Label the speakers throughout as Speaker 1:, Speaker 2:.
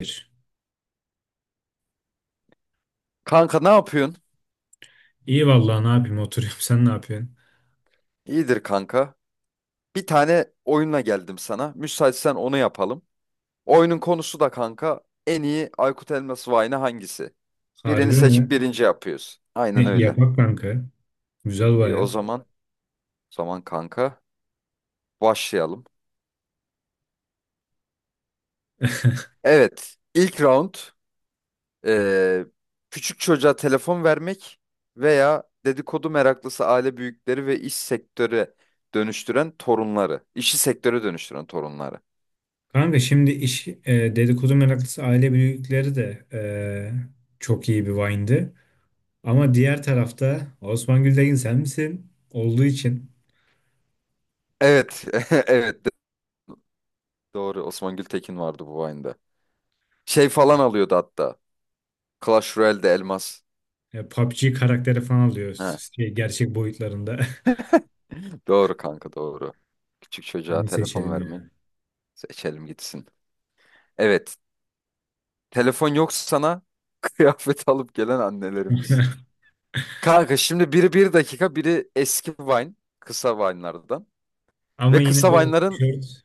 Speaker 1: Bir.
Speaker 2: Kanka, ne yapıyorsun?
Speaker 1: İyi vallahi ne yapayım oturuyorum. Sen ne yapıyorsun?
Speaker 2: İyidir kanka. Bir tane oyunla geldim sana. Müsaitsen onu yapalım. Oyunun konusu da kanka, en iyi Aykut Elmas Vayne hangisi? Birini
Speaker 1: Harbi mi?
Speaker 2: seçip birinci yapıyoruz. Aynen öyle.
Speaker 1: Yapak kanka. Güzel
Speaker 2: İyi o
Speaker 1: baya.
Speaker 2: zaman. O zaman kanka başlayalım. Evet. ilk round eee, küçük çocuğa telefon vermek veya dedikodu meraklısı aile büyükleri ve iş sektöre dönüştüren torunları. İşi sektöre dönüştüren torunları.
Speaker 1: Kanka şimdi iş dedikodu meraklısı aile büyükleri de çok iyi bir wine'dı. Ama diğer tarafta Osman Gültekin sen misin olduğu için
Speaker 2: Evet. Evet. Doğru. Osman Gültekin vardı bu Vine'da. Şey falan alıyordu hatta. Clash Royale'de elmas.
Speaker 1: PUBG karakteri falan alıyor.
Speaker 2: He,
Speaker 1: Gerçek boyutlarında.
Speaker 2: doğru kanka, doğru. Küçük çocuğa
Speaker 1: Onu
Speaker 2: telefon
Speaker 1: seçelim
Speaker 2: vermeyin.
Speaker 1: ya.
Speaker 2: Seçelim gitsin. Evet. Telefon yok sana. Kıyafet alıp gelen annelerimiz. Kanka şimdi biri bir dakika, biri eski Vine. Kısa Vine'lardan.
Speaker 1: Ama
Speaker 2: Ve
Speaker 1: yine
Speaker 2: kısa
Speaker 1: de o
Speaker 2: Vine'ların
Speaker 1: tişört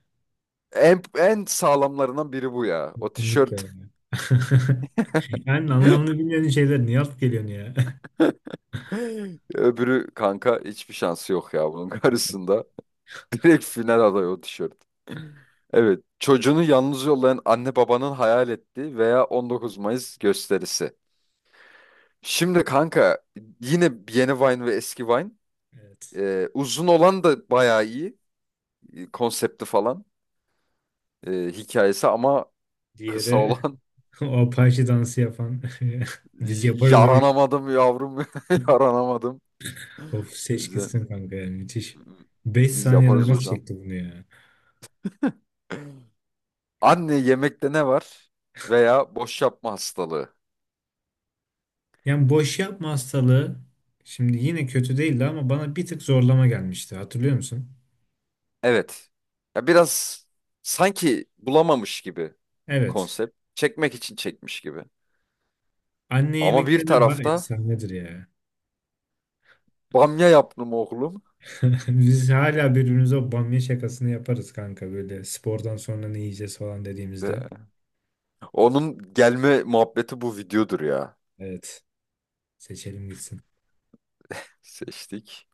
Speaker 2: en sağlamlarından biri bu ya. O
Speaker 1: kesinlikle
Speaker 2: tişört.
Speaker 1: yani. Yani anlamını bilmeyen şeyler niye alıp geliyorsun ya?
Speaker 2: Öbürü kanka hiçbir şansı yok ya bunun karşısında. Direkt final adayı o tişört. Evet. Çocuğunu yalnız yollayan anne babanın hayal ettiği veya 19 Mayıs gösterisi. Şimdi kanka yine yeni Vine ve eski Vine.
Speaker 1: Evet.
Speaker 2: Uzun olan da bayağı iyi. Konsepti falan. Hikayesi ama kısa
Speaker 1: Diğeri
Speaker 2: olan.
Speaker 1: o Apache dansı yapan. Biz yaparız oyun.
Speaker 2: Yaranamadım yavrum. Yaranamadım.
Speaker 1: Of, seç
Speaker 2: Bize-
Speaker 1: gitsin kanka, yani müthiş. 5
Speaker 2: Biz
Speaker 1: saniyede
Speaker 2: yaparız
Speaker 1: nasıl
Speaker 2: hocam.
Speaker 1: çekti bunu ya?
Speaker 2: Anne yemekte ne var? Veya boş yapma hastalığı.
Speaker 1: Yani boş yapma hastalığı şimdi yine kötü değildi, ama bana bir tık zorlama gelmişti. Hatırlıyor musun?
Speaker 2: Evet. Ya biraz sanki bulamamış gibi
Speaker 1: Evet.
Speaker 2: konsept. Çekmek için çekmiş gibi.
Speaker 1: Anne
Speaker 2: Ama
Speaker 1: yemekte
Speaker 2: bir
Speaker 1: ne var?
Speaker 2: tarafta
Speaker 1: Efsanedir ya.
Speaker 2: bamya yaptım oğlum.
Speaker 1: Biz hala birbirimize o bamya şakasını yaparız kanka, böyle spordan sonra ne yiyeceğiz falan dediğimizde.
Speaker 2: Ee, Onun gelme muhabbeti bu videodur ya.
Speaker 1: Evet. Seçelim gitsin.
Speaker 2: Seçtik.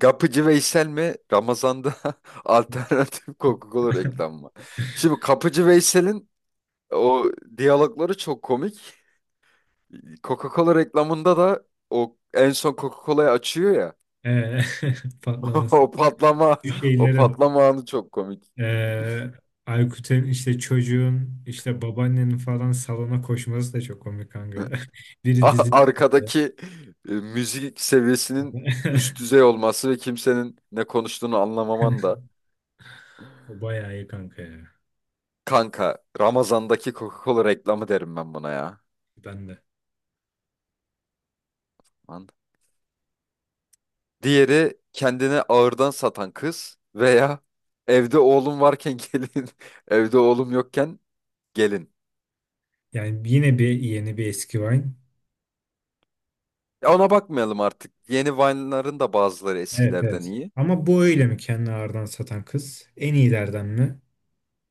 Speaker 2: Kapıcı Veysel mi? Ramazan'da alternatif Coca-Cola reklamı mı? Şimdi Kapıcı Veysel'in o diyalogları çok komik. Coca-Cola reklamında da o en son Coca-Cola'yı açıyor ya.
Speaker 1: Ee, patlaması.
Speaker 2: O patlama,
Speaker 1: Bu
Speaker 2: o
Speaker 1: şeylerin
Speaker 2: patlama anı çok komik.
Speaker 1: Ee, Aykut'un işte çocuğun işte babaannenin falan salona koşması da çok komik kanka. Biri
Speaker 2: A-
Speaker 1: dizi.
Speaker 2: Arkadaki müzik seviyesinin üst düzey olması ve kimsenin ne konuştuğunu anlamaman da.
Speaker 1: O bayağı iyi kanka ya.
Speaker 2: Kanka, Ramazan'daki Coca-Cola reklamı derim ben buna ya.
Speaker 1: Ben de.
Speaker 2: Lan. Diğeri kendini ağırdan satan kız veya evde oğlum varken gelin, evde oğlum yokken gelin.
Speaker 1: Yani yine bir yeni bir eski Vine.
Speaker 2: Ya ona bakmayalım artık. Yeni Vine'ların da bazıları
Speaker 1: Evet,
Speaker 2: eskilerden
Speaker 1: evet.
Speaker 2: iyi.
Speaker 1: Ama bu öyle mi, kendini ağırdan satan kız? En iyilerden mi?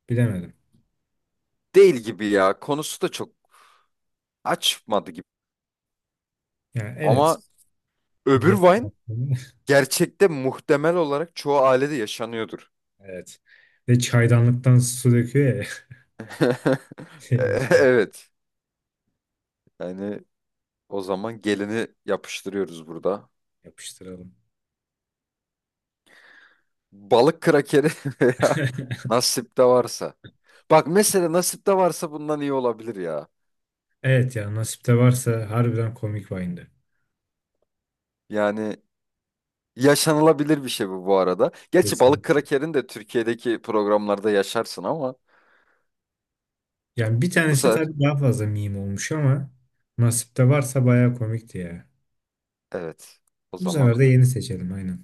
Speaker 1: Bilemedim.
Speaker 2: Değil gibi ya. Konusu da çok açmadı gibi.
Speaker 1: Yani evet.
Speaker 2: Ama
Speaker 1: Diğer
Speaker 2: öbür Vine
Speaker 1: taraftan-
Speaker 2: gerçekte muhtemel olarak çoğu ailede yaşanıyordur.
Speaker 1: Evet. Ve çaydanlıktan su döküyor ya.
Speaker 2: E-
Speaker 1: Şeyin üstüne.
Speaker 2: Evet. Yani o zaman gelini yapıştırıyoruz burada.
Speaker 1: Yapıştıralım.
Speaker 2: Balık krakeri veya nasipte varsa. Bak mesela nasipte varsa bundan iyi olabilir ya.
Speaker 1: Evet ya, nasipte varsa harbiden komik Vine'di.
Speaker 2: Yani yaşanılabilir bir şey bu bu arada. Gerçi balık
Speaker 1: Kesinlikle.
Speaker 2: krakerini de Türkiye'deki programlarda yaşarsın ama
Speaker 1: Yani bir
Speaker 2: bu
Speaker 1: tanesi
Speaker 2: sefer
Speaker 1: tabii daha fazla meme olmuş, ama nasipte varsa bayağı komikti ya.
Speaker 2: evet. O
Speaker 1: Bu
Speaker 2: zaman
Speaker 1: sefer de yeni seçelim aynen.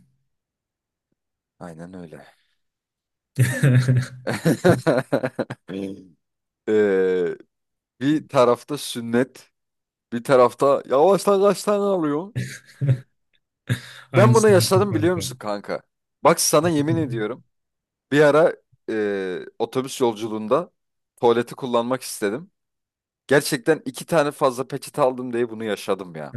Speaker 2: aynen öyle. Ee, Bir tarafta sünnet, bir tarafta yavaştan kaç tane alıyor. Ben bunu
Speaker 1: Aynısını yaptım
Speaker 2: yaşadım, biliyor
Speaker 1: kanka.
Speaker 2: musun kanka? Bak, sana yemin ediyorum. Bir ara otobüs yolculuğunda tuvaleti kullanmak istedim. Gerçekten iki tane fazla peçete aldım diye bunu yaşadım ya.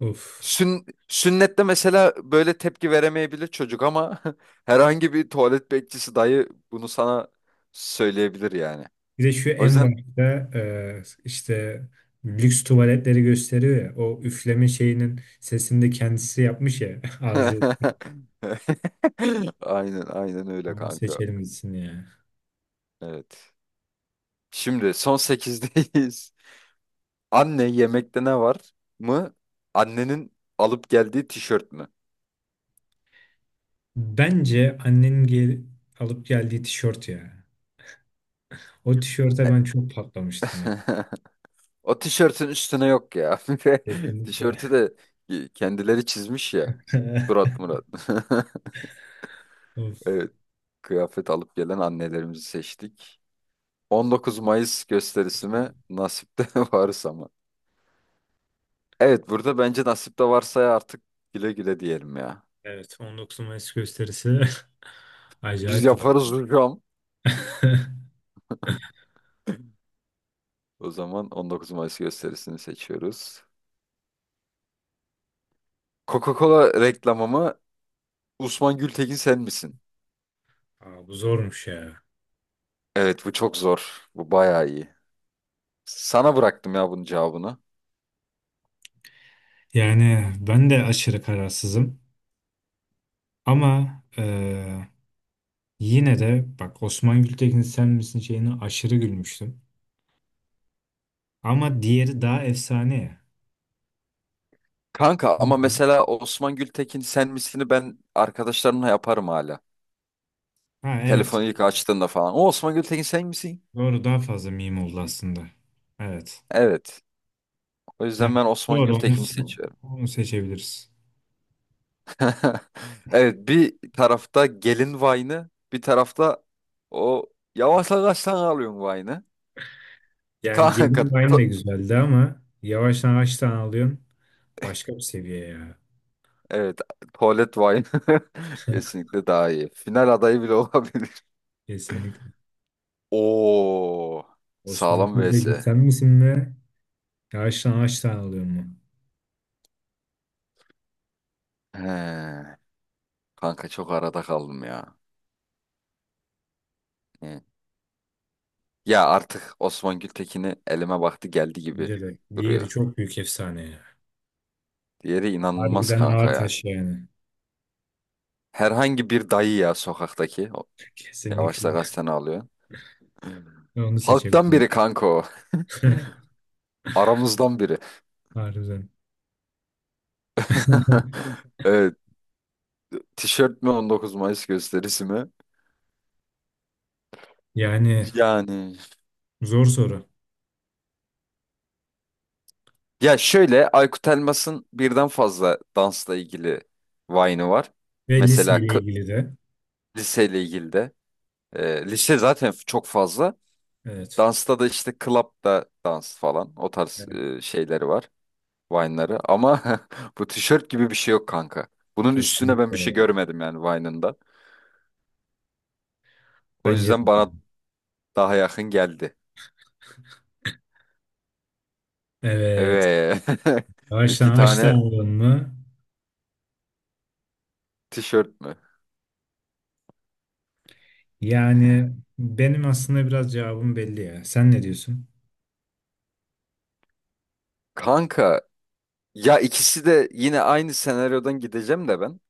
Speaker 1: Of.
Speaker 2: Sün- sünnette mesela böyle tepki veremeyebilir çocuk ama herhangi bir tuvalet bekçisi dayı bunu sana söyleyebilir yani.
Speaker 1: Bir de şu
Speaker 2: O
Speaker 1: en
Speaker 2: yüzden
Speaker 1: başta işte lüks tuvaletleri gösteriyor ya. O üfleme şeyinin sesini de kendisi yapmış ya. Ağzı,
Speaker 2: aynen öyle
Speaker 1: onu
Speaker 2: kanka.
Speaker 1: seçelim gitsin ya.
Speaker 2: Evet. Şimdi son sekizdeyiz. Anne yemekte ne var mı? Annenin alıp geldiği tişört mü?
Speaker 1: Bence annenin alıp geldiği tişört ya. O tişörte ben çok patlamıştım ya.
Speaker 2: O tişörtün üstüne yok ya.
Speaker 1: Kesinlikle.
Speaker 2: Tişörtü de kendileri çizmiş ya. Murat Murat.
Speaker 1: Of,
Speaker 2: Evet. Kıyafet alıp gelen annelerimizi seçtik. 19 Mayıs gösterisi mi? Nasipte varsa mı? Evet, burada bence nasipte varsa ya artık güle güle diyelim ya.
Speaker 1: evet, 19 Mayıs gösterisi
Speaker 2: Biz
Speaker 1: acayip bir bak.
Speaker 2: yaparız hocam. O zaman 19 Mayıs gösterisini seçiyoruz. Coca-Cola reklamımı mı? Osman Gültekin sen misin?
Speaker 1: Aa, bu zormuş ya.
Speaker 2: Evet, bu çok zor. Bu bayağı iyi. Sana bıraktım ya bunun cevabını.
Speaker 1: Yani ben de aşırı kararsızım ama yine de bak, Osman Gültekin sen misin şeyine aşırı gülmüştüm. Ama diğeri daha efsane ya.
Speaker 2: Kanka ama
Speaker 1: Bildin.
Speaker 2: mesela Osman Gültekin sen misini ben arkadaşlarımla yaparım hala.
Speaker 1: Ha, evet,
Speaker 2: Telefonu ilk açtığında falan. O Osman Gültekin sen misin?
Speaker 1: doğru, daha fazla meme oldu aslında. Evet.
Speaker 2: Evet. O
Speaker 1: Yani
Speaker 2: yüzden ben Osman
Speaker 1: doğru,
Speaker 2: Gültekin'i seçiyorum.
Speaker 1: onu seçebiliriz.
Speaker 2: Evet, bir tarafta gelin Vine'ı, bir tarafta o yavaş yavaş sen alıyorsun Vine'ı.
Speaker 1: Yani
Speaker 2: Kanka
Speaker 1: gelin aynı de
Speaker 2: to-
Speaker 1: güzeldi, ama yavaştan kaç tane alıyorsun? Başka bir seviye ya.
Speaker 2: Evet, tuvalet wine kesinlikle daha iyi. Final adayı bile olabilir.
Speaker 1: Kesinlikle.
Speaker 2: Oo,
Speaker 1: Osman
Speaker 2: sağlam
Speaker 1: Külbek'in
Speaker 2: vs.
Speaker 1: sen misin be? Yağıştan ağaçtan alıyor mu?
Speaker 2: He, kanka çok arada kaldım ya. He. Ya artık Osman Gültekin'i elime baktı geldi gibi
Speaker 1: Bence de. Diğeri
Speaker 2: duruyor.
Speaker 1: çok büyük efsane ya.
Speaker 2: Diğeri inanılmaz
Speaker 1: Harbiden
Speaker 2: kanka
Speaker 1: ağır
Speaker 2: ya.
Speaker 1: taş yani.
Speaker 2: Herhangi bir dayı ya sokaktaki. O-
Speaker 1: Kesinlikle.
Speaker 2: Yavaşla gazeteni alıyor.
Speaker 1: Ben onu
Speaker 2: Halktan
Speaker 1: seçebilirim.
Speaker 2: biri kanka o. Aramızdan biri.
Speaker 1: Harbiden.
Speaker 2: Evet. Tişört mü, 19 Mayıs gösterisi mi?
Speaker 1: Yani
Speaker 2: Yani
Speaker 1: zor soru.
Speaker 2: ya şöyle, Aykut Elmas'ın birden fazla dansla ilgili Vine'ı var.
Speaker 1: Ve
Speaker 2: Mesela
Speaker 1: liseyle
Speaker 2: k-
Speaker 1: ilgili de.
Speaker 2: liseyle ilgili de. Lise zaten f- çok fazla.
Speaker 1: Evet.
Speaker 2: Dansta da işte club'da dans falan, o tarz
Speaker 1: Evet.
Speaker 2: şeyleri var. Vine'ları ama bu tişört gibi bir şey yok kanka. Bunun üstüne ben
Speaker 1: Kesinlikle
Speaker 2: bir şey
Speaker 1: ya.
Speaker 2: görmedim yani Vine'ın da. O
Speaker 1: Bence de.
Speaker 2: yüzden bana daha yakın geldi.
Speaker 1: Evet.
Speaker 2: Evet.
Speaker 1: Ağaçtan
Speaker 2: İki
Speaker 1: ağaçtan
Speaker 2: tane
Speaker 1: alıyor mu?
Speaker 2: tişört mü?
Speaker 1: Yani benim aslında biraz cevabım belli ya. Sen ne diyorsun?
Speaker 2: Kanka, ya ikisi de yine aynı senaryodan gideceğim de ben.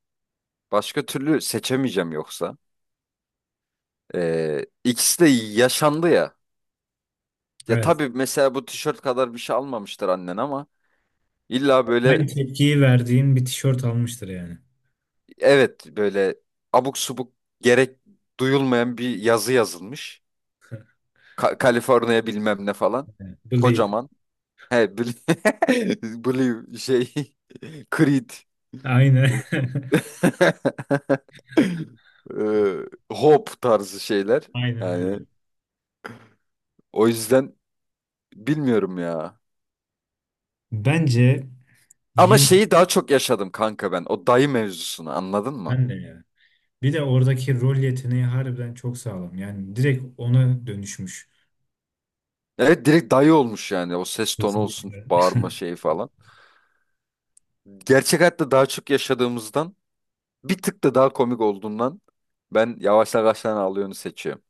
Speaker 2: Başka türlü seçemeyeceğim yoksa. İkisi de yaşandı ya. Ya
Speaker 1: Evet.
Speaker 2: tabii mesela bu tişört kadar bir şey almamıştır annen ama illa böyle,
Speaker 1: Aynı tepkiyi verdiğin bir tişört almıştır yani.
Speaker 2: evet böyle, abuk subuk gerek duyulmayan bir yazı yazılmış. Ka- Kaliforniya bilmem ne falan.
Speaker 1: Believe.
Speaker 2: Kocaman. He Blue, Blue şey Creed.
Speaker 1: Aynen.
Speaker 2: Uf. Hope tarzı şeyler.
Speaker 1: Aynen öyle.
Speaker 2: Yani o yüzden bilmiyorum ya.
Speaker 1: Bence
Speaker 2: Ama
Speaker 1: yine
Speaker 2: şeyi daha çok yaşadım kanka ben. O dayı mevzusunu anladın mı?
Speaker 1: ben de ya. Bir de oradaki rol yeteneği harbiden çok sağlam. Yani direkt ona dönüşmüş.
Speaker 2: Evet, direkt dayı olmuş yani. O ses tonu olsun,
Speaker 1: Kesinlikle.
Speaker 2: bağırma şeyi falan. Gerçek hayatta daha çok yaşadığımızdan, bir tık da daha komik olduğundan ben yavaş yavaştan ağlayanı seçiyorum.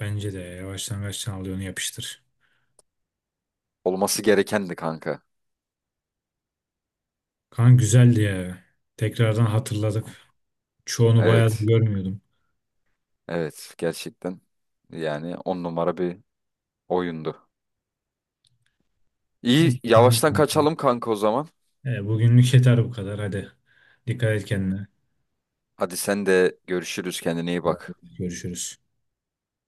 Speaker 1: Başlangıçtan de ya. Yavaştan kaçtan al, onu yapıştır.
Speaker 2: Olması gerekendi kanka.
Speaker 1: Kan güzeldi ya. Tekrardan hatırladık. Çoğunu bayağı
Speaker 2: Evet.
Speaker 1: görmüyordum.
Speaker 2: Evet, gerçekten. Yani on numara bir oyundu.
Speaker 1: Neyse,
Speaker 2: İyi,
Speaker 1: tamam
Speaker 2: yavaştan
Speaker 1: kanka.
Speaker 2: kaçalım kanka o zaman.
Speaker 1: E, bugünlük yeter bu kadar. Hadi. Dikkat et kendine.
Speaker 2: Hadi sen de, görüşürüz, kendine iyi bak.
Speaker 1: Görüşürüz.